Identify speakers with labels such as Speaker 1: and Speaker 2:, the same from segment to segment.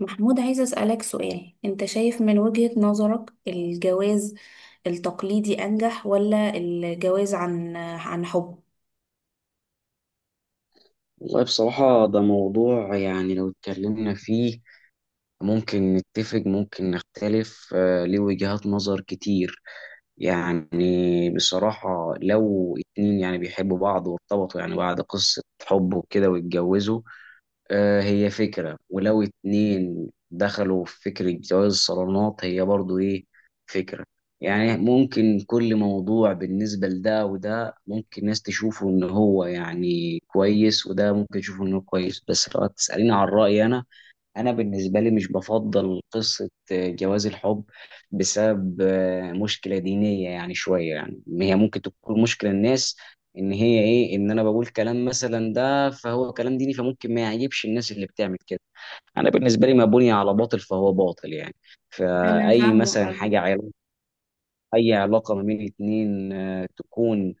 Speaker 1: محمود، عايزة أسألك سؤال. أنت شايف من وجهة نظرك الجواز التقليدي أنجح ولا الجواز عن حب؟
Speaker 2: والله بصراحة ده موضوع، يعني لو اتكلمنا فيه ممكن نتفق، ممكن نختلف، ليه وجهات نظر كتير. يعني بصراحة لو اتنين يعني بيحبوا بعض وارتبطوا يعني بعد قصة حب وكده واتجوزوا، هي فكرة، ولو اتنين دخلوا في فكرة جواز الصالونات هي برضو ايه، فكرة. يعني ممكن كل موضوع بالنسبة لده وده، ممكن ناس تشوفه ان هو يعني كويس، وده ممكن يشوفه انه كويس، بس لو تسأليني عن رأيي انا بالنسبه لي مش بفضل قصه جواز الحب، بسبب مشكله دينيه، يعني شويه. يعني هي ممكن تكون مشكله الناس ان هي ايه، ان انا بقول كلام مثلا ده فهو كلام ديني، فممكن ما يعجبش الناس اللي بتعمل كده. انا بالنسبه لي ما بني على باطل فهو باطل، يعني
Speaker 1: أنا
Speaker 2: فاي
Speaker 1: فاهمة
Speaker 2: مثلا حاجه،
Speaker 1: قصدك.
Speaker 2: علاقه، اي علاقه ما بين اتنين تكون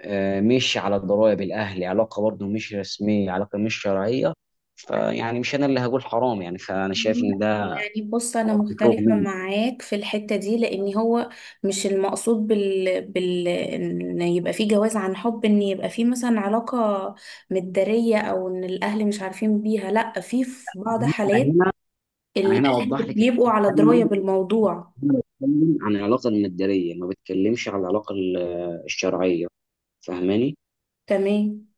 Speaker 2: مش على ضرائب الاهل، علاقه برضه مش رسميه، علاقه مش شرعيه، فيعني مش انا اللي هقول حرام، يعني فانا شايف ان ده
Speaker 1: يعني بص، أنا
Speaker 2: رغم،
Speaker 1: مختلفة معاك في الحتة دي، لأن هو مش المقصود إن يبقى فيه جواز عن حب، إن يبقى فيه مثلا علاقة متدارية أو إن الأهل مش عارفين بيها. لأ، في في بعض
Speaker 2: إن انا
Speaker 1: حالات
Speaker 2: هنا انا هنا
Speaker 1: الأهل
Speaker 2: اوضح لك إن
Speaker 1: بيبقوا
Speaker 2: أنا
Speaker 1: على
Speaker 2: بتكلم
Speaker 1: دراية بالموضوع.
Speaker 2: أنا بتكلم عن العلاقه المادية، ما بتكلمش عن العلاقه الشرعيه. فاهماني؟
Speaker 1: تمام.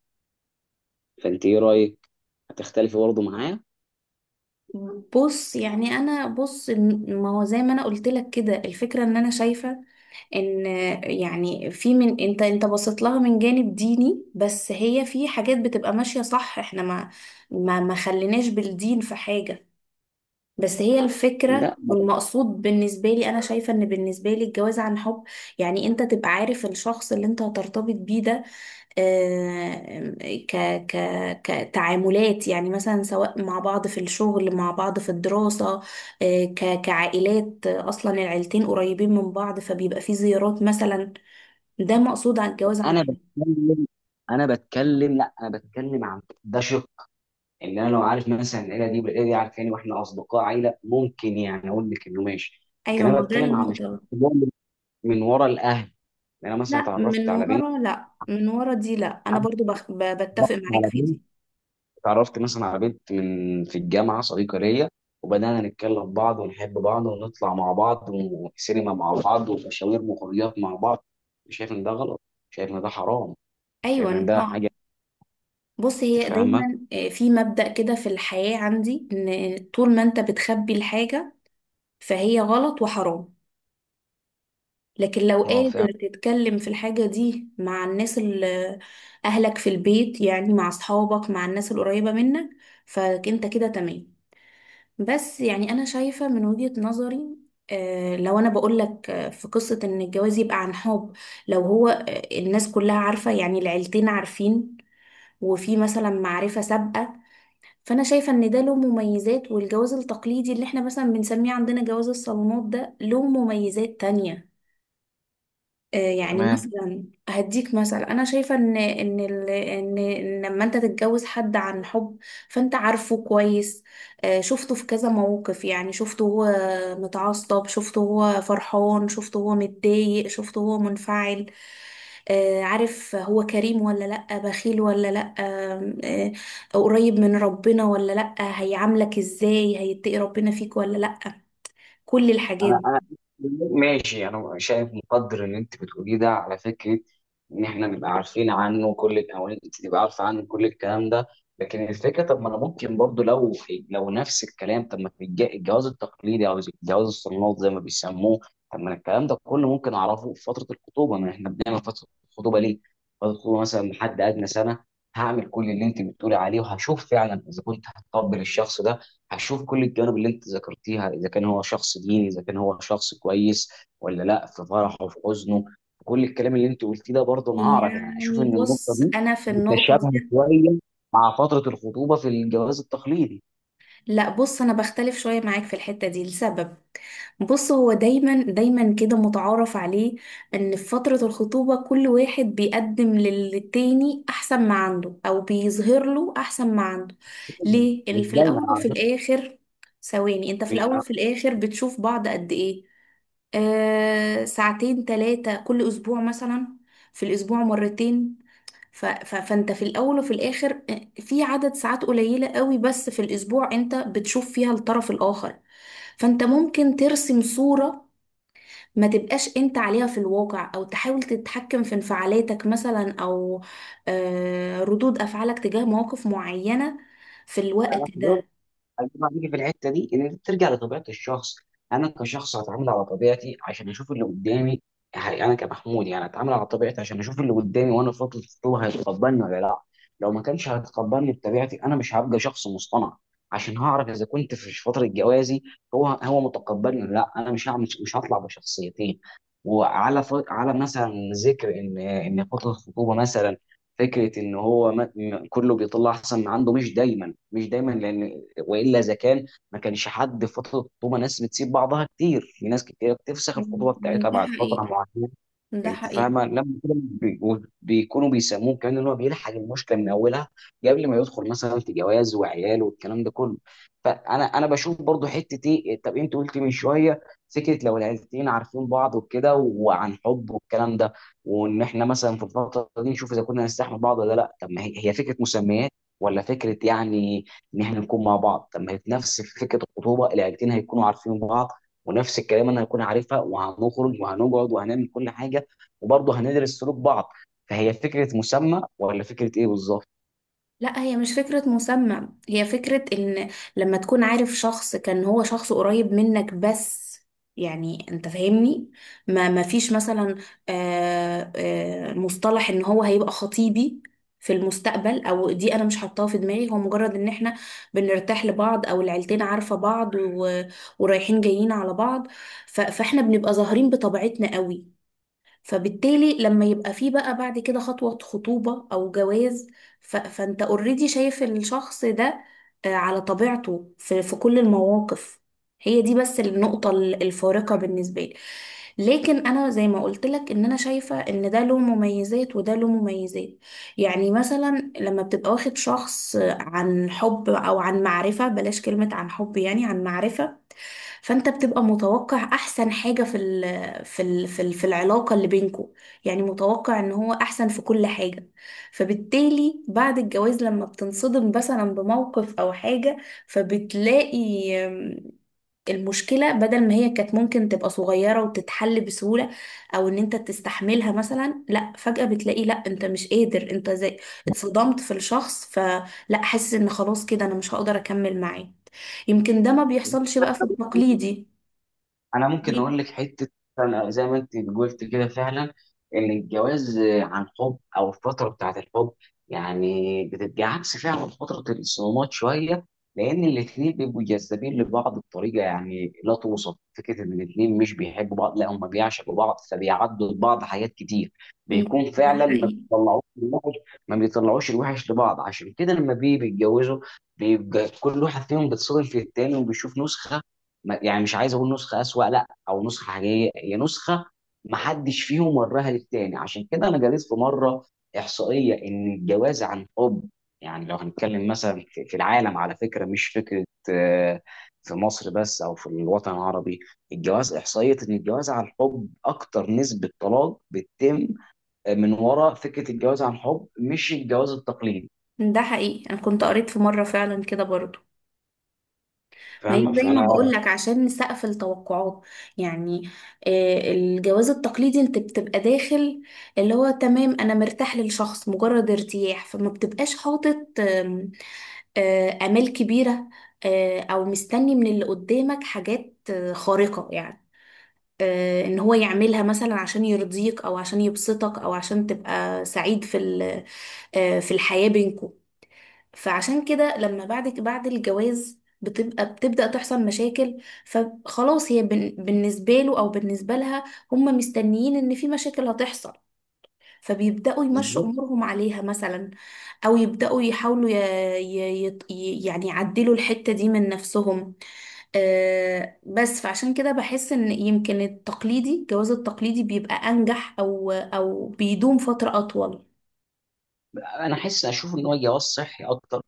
Speaker 2: فانت ايه رايك؟ هتختلفي برضه معايا؟
Speaker 1: بص، يعني انا بص، ما هو زي ما انا قلت لك كده، الفكره ان انا شايفه ان يعني في، من انت انت بصيت لها من جانب ديني، بس هي في حاجات بتبقى ماشيه صح، احنا ما خليناش بالدين في حاجه. بس هي الفكره،
Speaker 2: لا، ما بت-
Speaker 1: والمقصود بالنسبه لي، انا شايفه ان بالنسبه لي الجواز عن حب يعني انت تبقى عارف الشخص اللي انت هترتبط بيه ده، آه، ك ك كتعاملات، يعني مثلا سواء مع بعض في الشغل، مع بعض في الدراسة، ك كعائلات، أصلا العيلتين قريبين من بعض فبيبقى في زيارات مثلا. ده مقصود على الجواز عن
Speaker 2: انا
Speaker 1: حب.
Speaker 2: بتكلم انا بتكلم، لا، انا بتكلم عن ده، شق ان انا لو عارف مثلا العيله دي والعيله دي عارفاني واحنا اصدقاء عيله، ممكن يعني اقول لك انه ماشي، لكن
Speaker 1: أيوة، ما
Speaker 2: انا
Speaker 1: هو ده
Speaker 2: بتكلم عن الشق
Speaker 1: النقطة.
Speaker 2: اللي هو من ورا الاهل. يعني انا مثلا
Speaker 1: لا من ورا، لا من ورا دي، لا أنا
Speaker 2: بنت
Speaker 1: برضو بتفق معاك في دي.
Speaker 2: اتعرفت مثلا على بنت من في الجامعه، صديقه ليا، وبدانا نتكلم بعض ونحب بعض ونطلع مع بعض وسينما مع بعض ومشاوير وخروجات مع بعض، شايف ان ده غلط؟ شايف ان ده حرام؟ شايف ان
Speaker 1: أيوة،
Speaker 2: ده
Speaker 1: اه.
Speaker 2: حاجه؟
Speaker 1: بص،
Speaker 2: انت
Speaker 1: هي
Speaker 2: فاهمه؟
Speaker 1: دايما، في مبدأ كده في الحياة عندي، إن طول ما أنت بتخبي الحاجة فهي غلط وحرام. لكن لو
Speaker 2: اه، فاهم.
Speaker 1: قادر تتكلم في الحاجة دي مع الناس، اللي أهلك في البيت، يعني مع أصحابك، مع الناس القريبة منك، فأنت كده تمام. بس يعني أنا شايفة من وجهة نظري، لو أنا بقولك في قصة إن الجواز يبقى عن حب، لو هو الناس كلها عارفة، يعني العيلتين عارفين وفي مثلا معرفة سابقة، فأنا شايفة إن ده له مميزات، والجواز التقليدي اللي إحنا مثلا بنسميه عندنا جواز الصالونات ده له مميزات تانية. يعني
Speaker 2: تمام.
Speaker 1: مثلا هديك مثل، انا شايفه ان إن لما انت تتجوز حد عن حب فانت عارفه كويس، شفته في كذا موقف، يعني شفته هو متعصب، شفته هو فرحان، شفته هو متضايق، شفته هو منفعل، عارف هو كريم ولا لأ، بخيل ولا لأ، قريب من ربنا ولا لأ، هيعاملك ازاي، هيتقي ربنا فيك ولا لأ. كل الحاجات
Speaker 2: انا ماشي، انا شايف، مقدر اللي انت بتقوليه ده على فكره، ان احنا نبقى عارفين عنه او انت تبقى عارفه عنه كل الكلام ده، لكن الفكره، طب ما انا ممكن برضو لو، نفس الكلام، طب ما في الجواز التقليدي او جواز الصالونات زي ما بيسموه، طب ما أنا الكلام ده كله ممكن اعرفه في فتره الخطوبه، ما احنا بنعمل فتره الخطوبه ليه؟ فتره الخطوبه مثلا لحد ادنى سنه، هعمل كل اللي انت بتقولي عليه، وهشوف فعلا اذا كنت هتقبل الشخص ده، هشوف كل الجوانب اللي انت ذكرتيها، اذا كان هو شخص ديني، اذا كان هو شخص كويس ولا لا، في فرحه، في حزنه، في كل الكلام اللي انت قلتيه ده، برضه
Speaker 1: دي.
Speaker 2: انا هعرف، يعني اشوف
Speaker 1: يعني
Speaker 2: ان النقطه
Speaker 1: بص،
Speaker 2: دي
Speaker 1: انا في النقطه
Speaker 2: متشابهه
Speaker 1: دي،
Speaker 2: شويه مع فتره الخطوبه في الجواز التقليدي.
Speaker 1: لا بص، انا بختلف شويه معاك في الحته دي لسبب. بص، هو دايما دايما كده متعارف عليه ان في فتره الخطوبه كل واحد بيقدم للتاني احسن ما عنده، او بيظهر له احسن ما عنده. ليه؟
Speaker 2: مش
Speaker 1: اللي في
Speaker 2: دايما
Speaker 1: الاول وفي
Speaker 2: على
Speaker 1: الاخر، ثواني، انت في الاول
Speaker 2: فكره،
Speaker 1: وفي الاخر بتشوف بعض قد ايه؟ آه، ساعتين ثلاثه كل اسبوع مثلا، في الاسبوع مرتين. فانت في الاول وفي الاخر في عدد ساعات قليلة قوي بس في الاسبوع انت بتشوف فيها الطرف الاخر. فانت ممكن ترسم صورة ما تبقاش انت عليها في الواقع، او تحاول تتحكم في انفعالاتك مثلا، او ردود افعالك تجاه مواقف معينة في الوقت
Speaker 2: مش
Speaker 1: ده.
Speaker 2: هيجمع، بيجي في الحته دي ان انت ترجع لطبيعه الشخص، انا كشخص هتعامل على طبيعتي عشان اشوف اللي قدامي، انا كمحمود يعني هتعامل على طبيعتي عشان اشوف اللي قدامي، وانا في فتره الخطوبه هيتقبلني ولا لا. لو ما كانش هيتقبلني بطبيعتي انا مش هبقى شخص مصطنع عشان هعرف اذا كنت في فتره جوازي هو متقبلني ولا لا، انا مش هعمل، مش هطلع بشخصيتين. وعلى ف... على مثلا، ذكر ان فتره الخطوبه مثلا، فكره ان هو ما... م- كله بيطلع احسن ما عنده، مش دايما، مش دايما، لان والا اذا كان ما كانش حد في فتره الخطوبه، ناس بتسيب بعضها كتير، في ناس كتير بتفسخ الخطوبه بتاعتها
Speaker 1: ده
Speaker 2: بعد فتره
Speaker 1: حقيقي.
Speaker 2: معينه.
Speaker 1: ده
Speaker 2: انت
Speaker 1: حقيقي.
Speaker 2: فاهمه لما كده بيكونوا بيسموه كمان ان هو بيلحق المشكله من اولها قبل ما يدخل مثلا في جواز وعيال والكلام ده كله. فانا بشوف برضو حته ايه، طب انت قلت من شويه فكره لو العيلتين عارفين بعض وكده وعن حب والكلام ده، وان احنا مثلا في الفتره دي نشوف اذا كنا نستحمل بعض ولا لا. طب ما هي فكره مسميات، ولا فكره، يعني ان احنا نكون مع بعض، طب ما هي نفس فكره الخطوبه، العيلتين هيكونوا عارفين بعض، ونفس الكلام انا هكون عارفها، وهنخرج وهنقعد وهنعمل كل حاجه، وبرضه هندرس سلوك بعض، فهي فكره مسمى ولا فكره ايه؟
Speaker 1: لا هي مش فكرة مسمى، هي فكرة ان لما تكون عارف شخص، كان هو شخص قريب منك بس، يعني انت فاهمني، ما فيش مثلا مصطلح ان هو هيبقى خطيبي في المستقبل او دي، انا مش حاطاها في دماغي، هو مجرد ان احنا بنرتاح لبعض، او العيلتين عارفة بعض ورايحين جايين على بعض. فاحنا بنبقى ظاهرين بطبيعتنا قوي، فبالتالي لما يبقى فيه بقى بعد كده خطوة خطوبة أو جواز، فأنت اوريدي شايف الشخص ده على طبيعته في كل المواقف. هي دي بس النقطة الفارقة بالنسبة لي. لكن أنا زي ما قلت لك، إن أنا شايفة إن ده له مميزات وده له مميزات. يعني مثلا لما بتبقى واخد شخص عن حب أو عن معرفة، بلاش كلمة عن حب، يعني عن معرفة، فأنت بتبقى متوقع أحسن حاجة في في العلاقة اللي بينكو، يعني متوقع ان هو احسن في كل حاجة. فبالتالي بعد الجواز لما بتنصدم مثلا بموقف او حاجة فبتلاقي أم، المشكلة بدل ما هي كانت ممكن تبقى صغيرة وتتحل بسهولة، او ان انت تستحملها مثلا، لا فجأة بتلاقي لا انت مش قادر، انت زي اتصدمت في الشخص، فلا حاسس ان خلاص كده انا مش هقدر اكمل معاه. يمكن ده ما بيحصلش بقى في
Speaker 2: بالظبط.
Speaker 1: التقليدي.
Speaker 2: انا ممكن
Speaker 1: دي-
Speaker 2: اقول لك حته، أنا زي ما انت قلت كده فعلا، ان الجواز عن حب او الفتره بتاعه الحب يعني بتبقى عكس فعلا فتره الصدمات شويه، لان الاثنين بيبقوا جذابين لبعض بطريقه يعني لا توصف، فكره ان الاثنين مش بيحبوا بعض، لا، هم بيعشقوا بعض، فبيعدوا لبعض حاجات كتير، بيكون
Speaker 1: ده
Speaker 2: فعلا ما
Speaker 1: حقيقي.
Speaker 2: بيطلعوش الوحش، ما بيطلعوش الوحش لبعض. عشان كده لما بيجي بيتجوزوا بيبقى كل واحد فيهم بيتصادم في التاني، وبيشوف نسخه، يعني مش عايز اقول نسخه اسوأ، لا، او نسخه حقيقيه، هي نسخه ما حدش فيهم وراها للتاني. عشان كده انا قريت في مره احصائيه ان الجواز عن حب، يعني لو هنتكلم مثلا في العالم، على فكره مش فكره، آه، في مصر بس او في الوطن العربي، الجواز، احصائيه ان الجواز عن حب اكتر نسبه طلاق بتتم من وراء فكره الجواز عن حب، مش الجواز التقليدي.
Speaker 1: ده حقيقي. انا كنت قريت في مره فعلا كده برضو. ما هي
Speaker 2: فاهم؟
Speaker 1: زي ما
Speaker 2: فانا
Speaker 1: بقول لك، عشان نسقف التوقعات يعني، الجواز التقليدي انت بتبقى داخل اللي هو تمام، انا مرتاح للشخص مجرد ارتياح، فما بتبقاش حاطط، آم، آه، امال كبيره، او مستني من اللي قدامك حاجات خارقه يعني، ان هو يعملها مثلا عشان يرضيك، او عشان يبسطك، او عشان تبقى سعيد في في الحياه بينكم. فعشان كده لما بعد الجواز بتبقى بتبدأ تحصل مشاكل، فخلاص هي بالنسبة له أو بالنسبة لها، هم مستنيين إن في مشاكل هتحصل، فبيبدأوا يمشوا
Speaker 2: بالظبط،
Speaker 1: أمورهم عليها مثلا، أو يبدأوا يحاولوا يعني يعدلوا الحتة دي من نفسهم. آه، بس فعشان كده بحس إن يمكن التقليدي، الجواز التقليدي، بيبقى أنجح، أو بيدوم فترة أطول.
Speaker 2: انا احس اشوف ان هو جواز صحي اكتر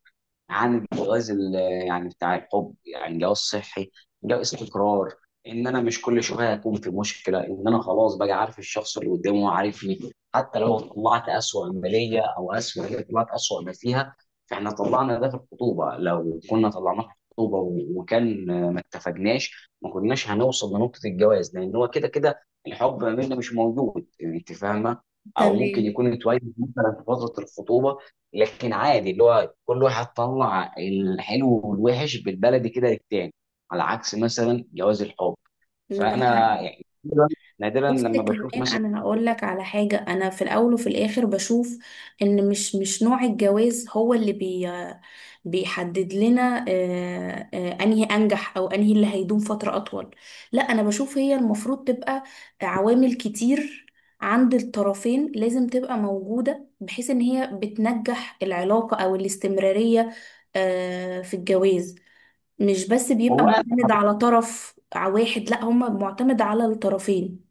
Speaker 2: عن الجواز يعني بتاع الحب، يعني جواز صحي، جواز استقرار، ان انا مش كل شويه هكون في مشكله، ان انا خلاص بقى عارف الشخص اللي قدامي، هو عارفني، حتى لو طلعت اسوأ ما ليا، او اسوأ، هي طلعت اسوأ ما فيها، فاحنا طلعنا ده في الخطوبه، لو كنا طلعناه في الخطوبه وكان ما اتفقناش، ما كناش هنوصل لنقطه الجواز، لان هو كده كده الحب ما بيننا مش موجود، انت فاهمه، او ممكن
Speaker 1: تمام.
Speaker 2: يكون اتولد مثلا في فتره الخطوبه، لكن عادي اللي هو كل واحد طلع الحلو والوحش بالبلدي كده للتاني، على عكس مثلا جواز الحب.
Speaker 1: ده
Speaker 2: فانا
Speaker 1: حقيقي.
Speaker 2: يعني نادراً
Speaker 1: بس
Speaker 2: لما بشوف
Speaker 1: كمان
Speaker 2: مثلا.
Speaker 1: انا هقول لك على حاجه، انا في الاول وفي الاخر بشوف ان مش نوع الجواز هو اللي بيحدد لنا انهي انجح او انهي اللي هيدوم فتره اطول. لا انا بشوف هي المفروض تبقى عوامل كتير عند الطرفين لازم تبقى موجوده، بحيث ان هي بتنجح العلاقه او الاستمراريه في الجواز. مش بس بيبقى
Speaker 2: والله،
Speaker 1: معتمد على طرف واحد، لا هم معتمد على الطرفين.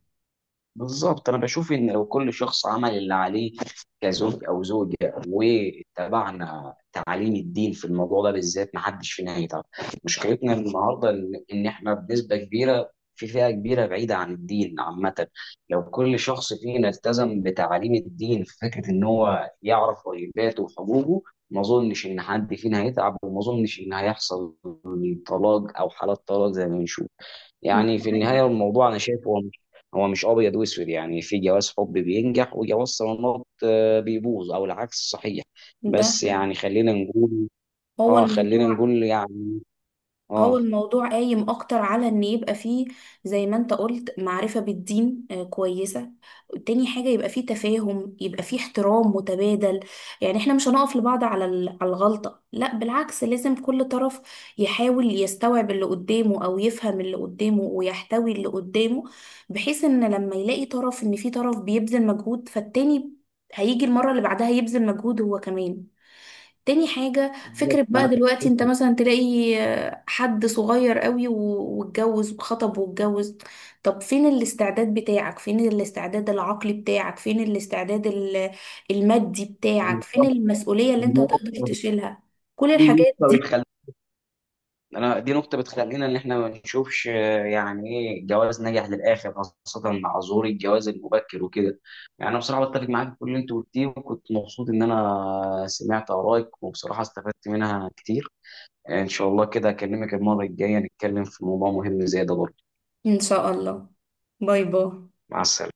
Speaker 2: بالظبط، انا بشوف ان لو كل شخص عمل اللي عليه كزوج او زوجه، واتبعنا تعاليم الدين في الموضوع ده بالذات، ما حدش فينا هيتعب. مشكلتنا النهارده إن احنا بنسبه كبيره، في فئه كبيره بعيده عن الدين عامه، لو كل شخص فينا التزم بتعاليم الدين في فكره ان هو يعرف واجباته وحقوقه، ما اظنش ان حد فينا هيتعب، وما اظنش ان هيحصل طلاق او حالات طلاق زي ما بنشوف. يعني
Speaker 1: ده
Speaker 2: في
Speaker 1: حقيقي.
Speaker 2: النهاية الموضوع أنا شايف هو مش، هو مش أبيض وأسود، يعني في جواز حب بينجح، وجواز صالونات بيبوظ، أو العكس صحيح.
Speaker 1: ده
Speaker 2: بس يعني خلينا نقول،
Speaker 1: هو
Speaker 2: خلينا
Speaker 1: الموضوع،
Speaker 2: نقول يعني،
Speaker 1: هو
Speaker 2: آه
Speaker 1: الموضوع قايم اكتر على ان يبقى فيه زي ما انت قلت معرفة بالدين كويسة. تاني حاجة، يبقى فيه تفاهم، يبقى فيه احترام متبادل. يعني احنا مش هنقف لبعض على على الغلطة، لا بالعكس، لازم كل طرف يحاول يستوعب اللي قدامه، او يفهم اللي قدامه، ويحتوي اللي قدامه، بحيث ان لما يلاقي طرف ان في طرف بيبذل مجهود، فالتاني هيجي المرة اللي بعدها يبذل مجهود هو كمان. تاني حاجة،
Speaker 2: بالظبط.
Speaker 1: فكرة بقى دلوقتي انت مثلا تلاقي حد صغير قوي واتجوز وخطب واتجوز. طب فين الاستعداد بتاعك، فين الاستعداد العقلي بتاعك، فين الاستعداد المادي بتاعك، فين المسؤولية اللي انت هتقدر تشيلها؟ كل الحاجات دي.
Speaker 2: بالظبط، انا دي نقطه بتخلينا ان احنا ما نشوفش، يعني ايه جواز نجح للاخر، خاصه مع ظهور الجواز المبكر وكده. يعني انا بصراحه بتفق معاك في كل اللي انت قلتيه، وكنت مبسوط ان انا سمعت ارائك، وبصراحه استفدت منها كتير. ان شاء الله كده اكلمك المره الجايه نتكلم في موضوع مهم زي ده برضه.
Speaker 1: ان شاء الله. باي باي.
Speaker 2: مع السلامه.